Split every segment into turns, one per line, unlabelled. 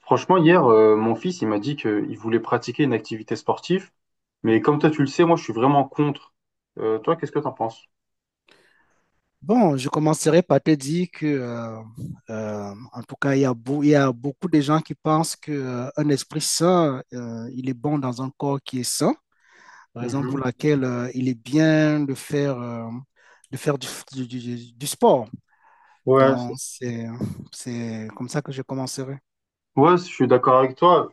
Franchement, hier, mon fils, il m'a dit qu'il voulait pratiquer une activité sportive, mais comme toi, tu le sais, moi, je suis vraiment contre. Toi, qu'est-ce que t'en penses?
Bon, je commencerai par te dire que, en tout cas, il y a, il y a beaucoup de gens qui pensent que, un esprit sain, il est bon dans un corps qui est sain, raison pour
Mhm.
laquelle, il est bien de faire, de faire du, du sport.
Ouais,
Donc,
c'est-
c'est comme ça que je commencerai.
Ouais, je suis d'accord avec toi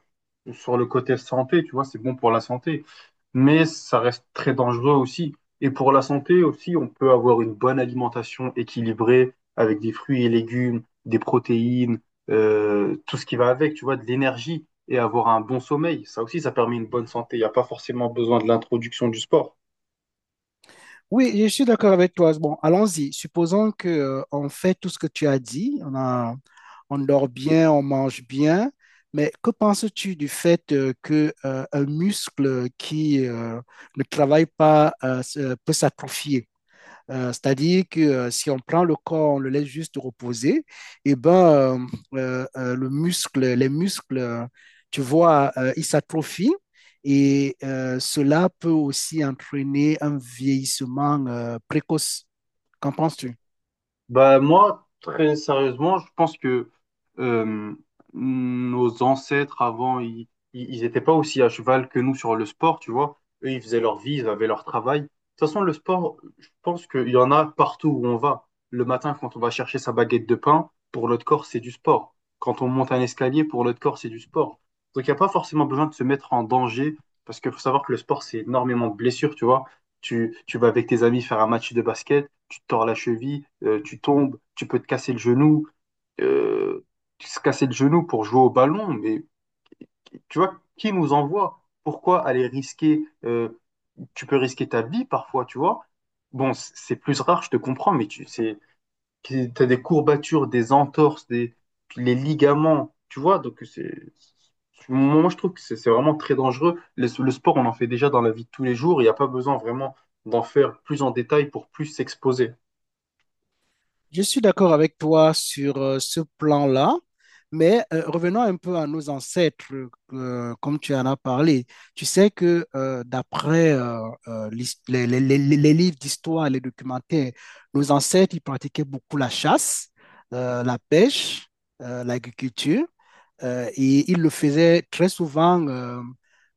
sur le côté santé, tu vois, c'est bon pour la santé, mais ça reste très dangereux aussi. Et pour la santé aussi, on peut avoir une bonne alimentation équilibrée avec des fruits et légumes, des protéines, tout ce qui va avec, tu vois, de l'énergie et avoir un bon sommeil. Ça aussi, ça permet une bonne santé. Il n'y a pas forcément besoin de l'introduction du sport.
Oui, je suis d'accord avec toi. Bon, allons-y. Supposons que, on fait tout ce que tu as dit. On dort bien, on mange bien, mais que penses-tu du fait que un muscle qui ne travaille pas peut s'atrophier? C'est-à-dire que si on prend le corps, on le laisse juste reposer, et ben le muscle, les muscles, tu vois, ils s'atrophient. Et cela peut aussi entraîner un vieillissement précoce. Qu'en penses-tu?
Bah, moi, très sérieusement, je pense que euh, nos ancêtres avant, ils étaient pas aussi à cheval que nous sur le sport, tu vois. Eux, ils faisaient leur vie, ils avaient leur travail. De toute façon, le sport, je pense qu'il y en a partout où on va. Le matin, quand on va chercher sa baguette de pain, pour notre corps, c'est du sport. Quand on monte un escalier, pour notre corps, c'est du sport. Donc, il n'y a pas forcément besoin de se mettre en danger, parce qu'il faut savoir que le sport, c'est énormément de blessures, tu vois. Tu vas avec tes amis faire un match de basket, tu te tords la cheville, tu tombes, tu peux te casser le genou, euh, se casser le genou pour jouer au ballon. Mais tu vois, qui nous envoie? Pourquoi aller risquer? Tu peux risquer ta vie parfois, tu vois. Bon, c'est plus rare, je te comprends, mais tu c'est, t'as des courbatures, des entorses, des, les ligaments, tu vois. Donc moi je trouve que c'est vraiment très dangereux. Le sport, on en fait déjà dans la vie de tous les jours. Il n'y a pas besoin vraiment d'en faire plus en détail pour plus s'exposer.
Je suis d'accord avec toi sur ce plan-là, mais revenons un peu à nos ancêtres, comme tu en as parlé. Tu sais que d'après les livres d'histoire, les documentaires, nos ancêtres, ils pratiquaient beaucoup la chasse, la pêche, l'agriculture. Et il le faisait très souvent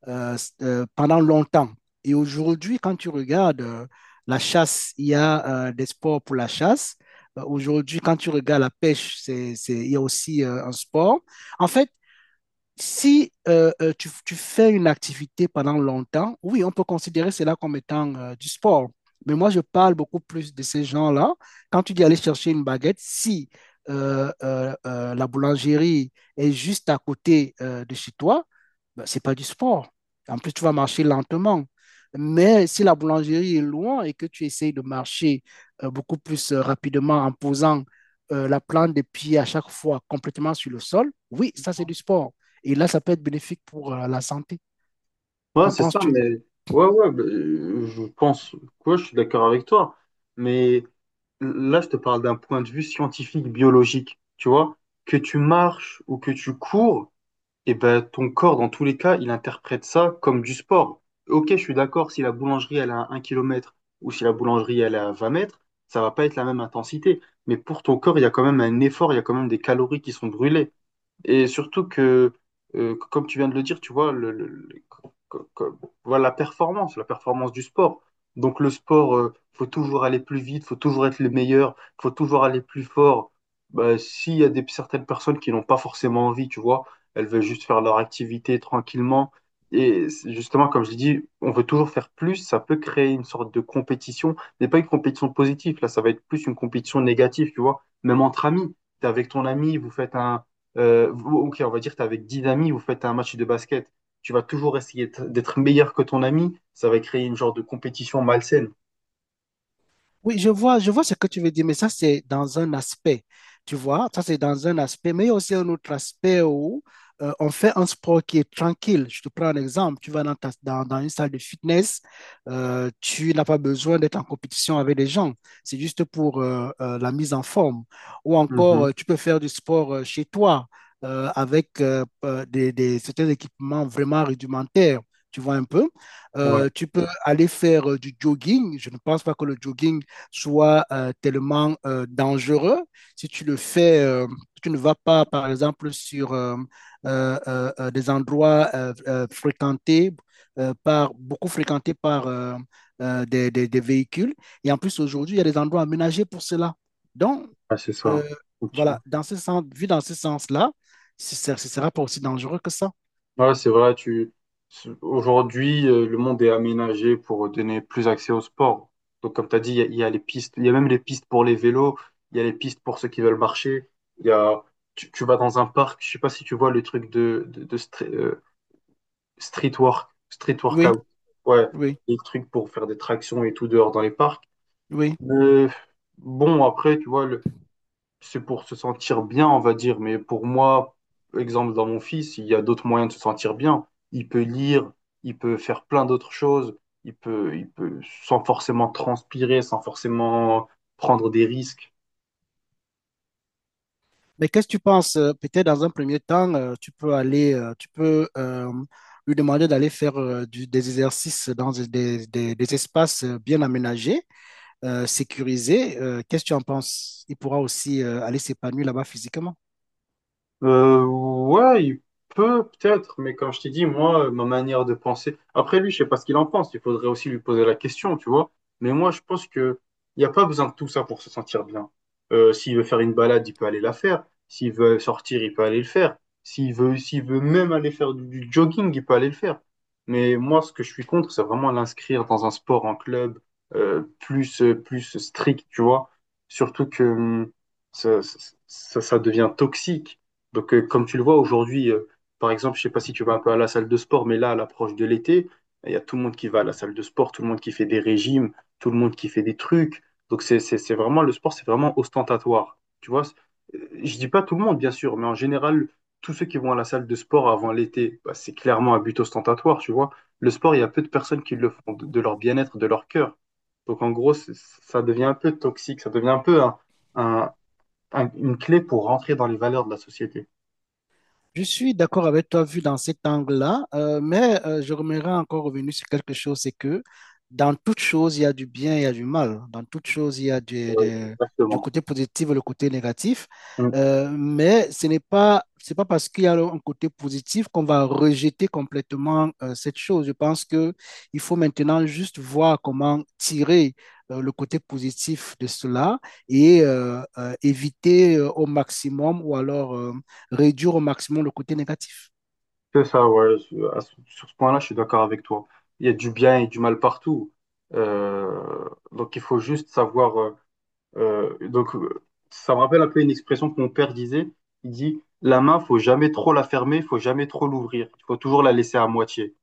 euh, pendant longtemps. Et aujourd'hui, quand tu regardes la chasse, il y a des sports pour la chasse. Aujourd'hui, quand tu regardes la pêche, il y a aussi un sport. En fait, si tu fais une activité pendant longtemps, oui, on peut considérer cela comme étant du sport. Mais moi, je parle beaucoup plus de ces gens-là. Quand tu dis aller chercher une baguette, si la boulangerie est juste à côté de chez toi, ben, c'est pas du sport. En plus, tu vas marcher lentement. Mais si la boulangerie est loin et que tu essayes de marcher beaucoup plus rapidement en posant la plante des pieds à chaque fois complètement sur le sol, oui, ça c'est du sport. Et là, ça peut être bénéfique pour la santé.
Ouais,
Qu'en
c'est ça,
penses-tu?
mais ouais, ouais, je pense quoi, je suis d'accord avec toi. Mais là, je te parle d'un point de vue scientifique, biologique. Tu vois, que tu marches ou que tu cours, et ben ton corps, dans tous les cas, il interprète ça comme du sport. Ok, je suis d'accord, si la boulangerie elle est à 1 km ou si la boulangerie elle est à 20 mètres, ça va pas être la même intensité. Mais pour ton corps, il y a quand même un effort, il y a quand même des calories qui sont brûlées. Et surtout que, comme tu viens de le dire, tu vois, voilà, la performance du sport. Donc le sport, faut toujours aller plus vite, faut toujours être le meilleur, faut toujours aller plus fort. Bah, s'il y a des, certaines personnes qui n'ont pas forcément envie, tu vois, elles veulent juste faire leur activité tranquillement. Et c'est justement, comme je l'ai dit, on veut toujours faire plus, ça peut créer une sorte de compétition, mais pas une compétition positive, là, ça va être plus une compétition négative, tu vois, même entre amis. T'es avec ton ami, vous faites un euh, ok, on va dire, tu avec 10 amis, vous faites un match de basket, tu vas toujours essayer d'être meilleur que ton ami, ça va créer une genre de compétition malsaine.
Oui, je vois ce que tu veux dire, mais ça, c'est dans un aspect, tu vois, ça, c'est dans un aspect, mais il y a aussi un autre aspect où on fait un sport qui est tranquille. Je te prends un exemple, tu vas dans une salle de fitness, tu n'as pas besoin d'être en compétition avec les gens, c'est juste pour la mise en forme. Ou encore,
Mhm.
tu peux faire du sport chez toi avec certains équipements vraiment rudimentaires, tu vois un peu.
Ouais,
Tu peux aller faire du jogging, je ne pense pas que le jogging soit tellement dangereux. Si tu le fais, tu ne vas pas, par exemple, sur des endroits fréquentés beaucoup fréquentés par des véhicules. Et en plus, aujourd'hui, il y a des endroits aménagés pour cela. Donc,
ouais, c'est
euh,
ça. Ok.
voilà, dans ce sens, vu dans ce sens-là, ce ne sera pas aussi dangereux que ça.
Ouais, c'est vrai, aujourd'hui, le monde est aménagé pour donner plus accès au sport. Donc, comme tu as dit, il y a les pistes, il y a même les pistes pour les vélos, il y a les pistes pour ceux qui veulent marcher, il y a... Tu vas dans un parc, je sais pas si tu vois le truc de street
Oui,
workout. Ouais,
oui,
des trucs pour faire des tractions et tout dehors dans les parcs.
oui.
Mais bon, après, tu vois, c'est pour se sentir bien, on va dire. Mais pour moi, exemple, dans mon fils, il y a d'autres moyens de se sentir bien. Il peut lire, il peut faire plein d'autres choses. Il peut, sans forcément transpirer, sans forcément prendre des risques.
Mais qu'est-ce que tu penses? Peut-être dans un premier temps, tu peux lui demander d'aller faire des exercices dans des espaces bien aménagés, sécurisés. Qu'est-ce que tu en penses? Il pourra aussi aller s'épanouir là-bas physiquement.
Ouais, il peut peut-être, mais comme je t'ai dit, moi, ma manière de penser. Après lui, je sais pas ce qu'il en pense. Il faudrait aussi lui poser la question, tu vois. Mais moi, je pense que il n'y a pas besoin de tout ça pour se sentir bien. S'il veut faire une balade, il peut aller la faire. S'il veut sortir, il peut aller le faire. S'il veut même aller faire du jogging, il peut aller le faire. Mais moi, ce que je suis contre, c'est vraiment l'inscrire dans un sport en club plus strict, tu vois. Surtout que ça, ça ça devient toxique donc, comme tu le vois aujourd'hui, par exemple, je sais pas si tu vas un peu à la salle de sport, mais là, à l'approche de l'été, il y a tout le monde qui va à la salle de sport, tout le monde qui fait des régimes, tout le monde qui fait des trucs. Donc, c'est vraiment, le sport, c'est vraiment ostentatoire. Tu vois, Je dis pas tout le monde, bien sûr, mais en général, tous ceux qui vont à la salle de sport avant l'été, bah, c'est clairement un but ostentatoire, tu vois. Le sport, il y a peu de personnes qui le font de leur bien-être, de leur cœur. Donc, en gros, ça devient un peu toxique, ça devient un peu un- une clé pour rentrer dans les valeurs de la société.
Je suis d'accord avec toi vu dans cet angle-là, mais je remettrai encore revenu sur quelque chose, c'est que dans toute chose, il y a du bien, il y a du mal. Dans toute chose, il y a du,
Ouais,
de- du
exactement.
côté positif et le côté négatif.
Mm.
Mais ce n'est pas, c'est pas parce qu'il y a un côté positif qu'on va rejeter complètement cette chose. Je pense que il faut maintenant juste voir comment tirer le côté positif de cela et éviter au maximum ou alors... réduire au maximum le côté négatif.
C'est ça, ouais. Sur ce point-là, je suis d'accord avec toi. Il y a du bien et du mal partout. Donc, il faut juste savoir. Euh, donc, euh, Ça me rappelle un peu une expression que mon père disait. Il dit, la main, faut jamais trop la fermer, faut jamais trop l'ouvrir. Il faut toujours la laisser à moitié.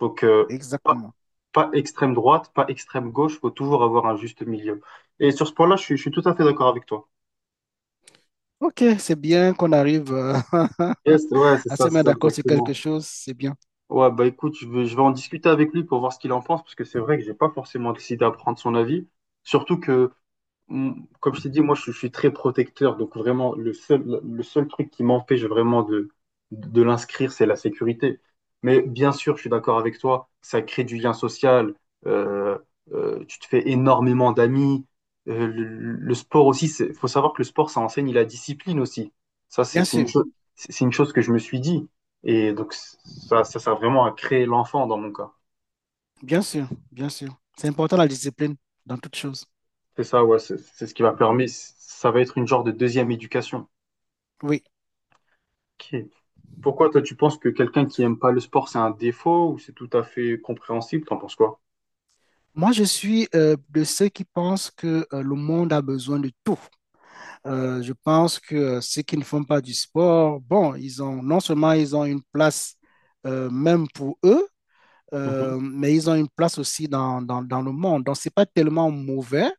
Donc, pas,
Exactement.
pas extrême droite, pas extrême gauche. Faut toujours avoir un juste milieu. Et sur ce point-là, je suis tout à fait d'accord avec toi.
Ok, c'est bien qu'on arrive
Yes, ouais,
à se
c'est
mettre
ça
d'accord sur quelque
exactement.
chose, c'est bien.
Ouais, bah écoute, je vais en discuter avec lui pour voir ce qu'il en pense, parce que c'est vrai que j'ai pas forcément décidé à prendre son avis. Surtout que comme je t'ai dit, moi, je suis très protecteur. Donc, vraiment, le seul truc qui m'empêche vraiment de l'inscrire, c'est la sécurité. Mais bien sûr, je suis d'accord avec toi, ça crée du lien social. euh, Tu te fais énormément d'amis. Euh, le, le sport aussi, il faut savoir que le sport, ça enseigne la discipline aussi. Ça, c'est
Bien
c'est une
sûr,
chose, c'est une chose que je me suis dit. Et donc, ça sert vraiment à créer l'enfant dans mon cas.
bien sûr. C'est important la discipline dans toute chose.
C'est ça, ouais, c'est ce qui va permettre, ça va être une genre de deuxième éducation.
Oui.
Ok. Pourquoi toi tu penses que quelqu'un qui aime pas le sport c'est un défaut ou c'est tout à fait compréhensible? T'en penses quoi?
Moi, je suis de ceux qui pensent que le monde a besoin de tout. Je pense que ceux qui ne font pas du sport, bon, ils ont non seulement ils ont une place même pour eux,
Mhm.
mais ils ont une place aussi dans le monde. Donc, c'est pas tellement mauvais.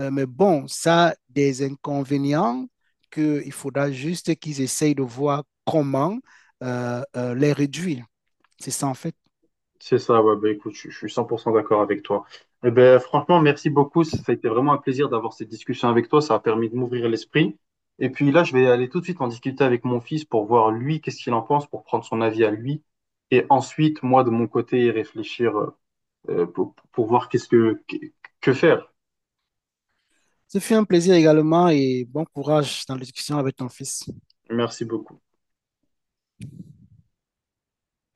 Mais bon, ça a des inconvénients qu'il faudra juste qu'ils essayent de voir comment les réduire. C'est ça en fait.
C'est ça, ouais, bah écoute, je suis 100% d'accord avec toi. Eh ben, franchement, merci beaucoup. Ça a été vraiment un plaisir d'avoir cette discussion avec toi. Ça a permis de m'ouvrir l'esprit. Et puis là, je vais aller tout de suite en discuter avec mon fils pour voir lui, qu'est-ce qu'il en pense, pour prendre son avis à lui. Et ensuite, moi, de mon côté, réfléchir pour voir qu'est-ce que faire.
Ce fut un plaisir également et bon courage dans l'éducation avec ton fils.
Merci beaucoup.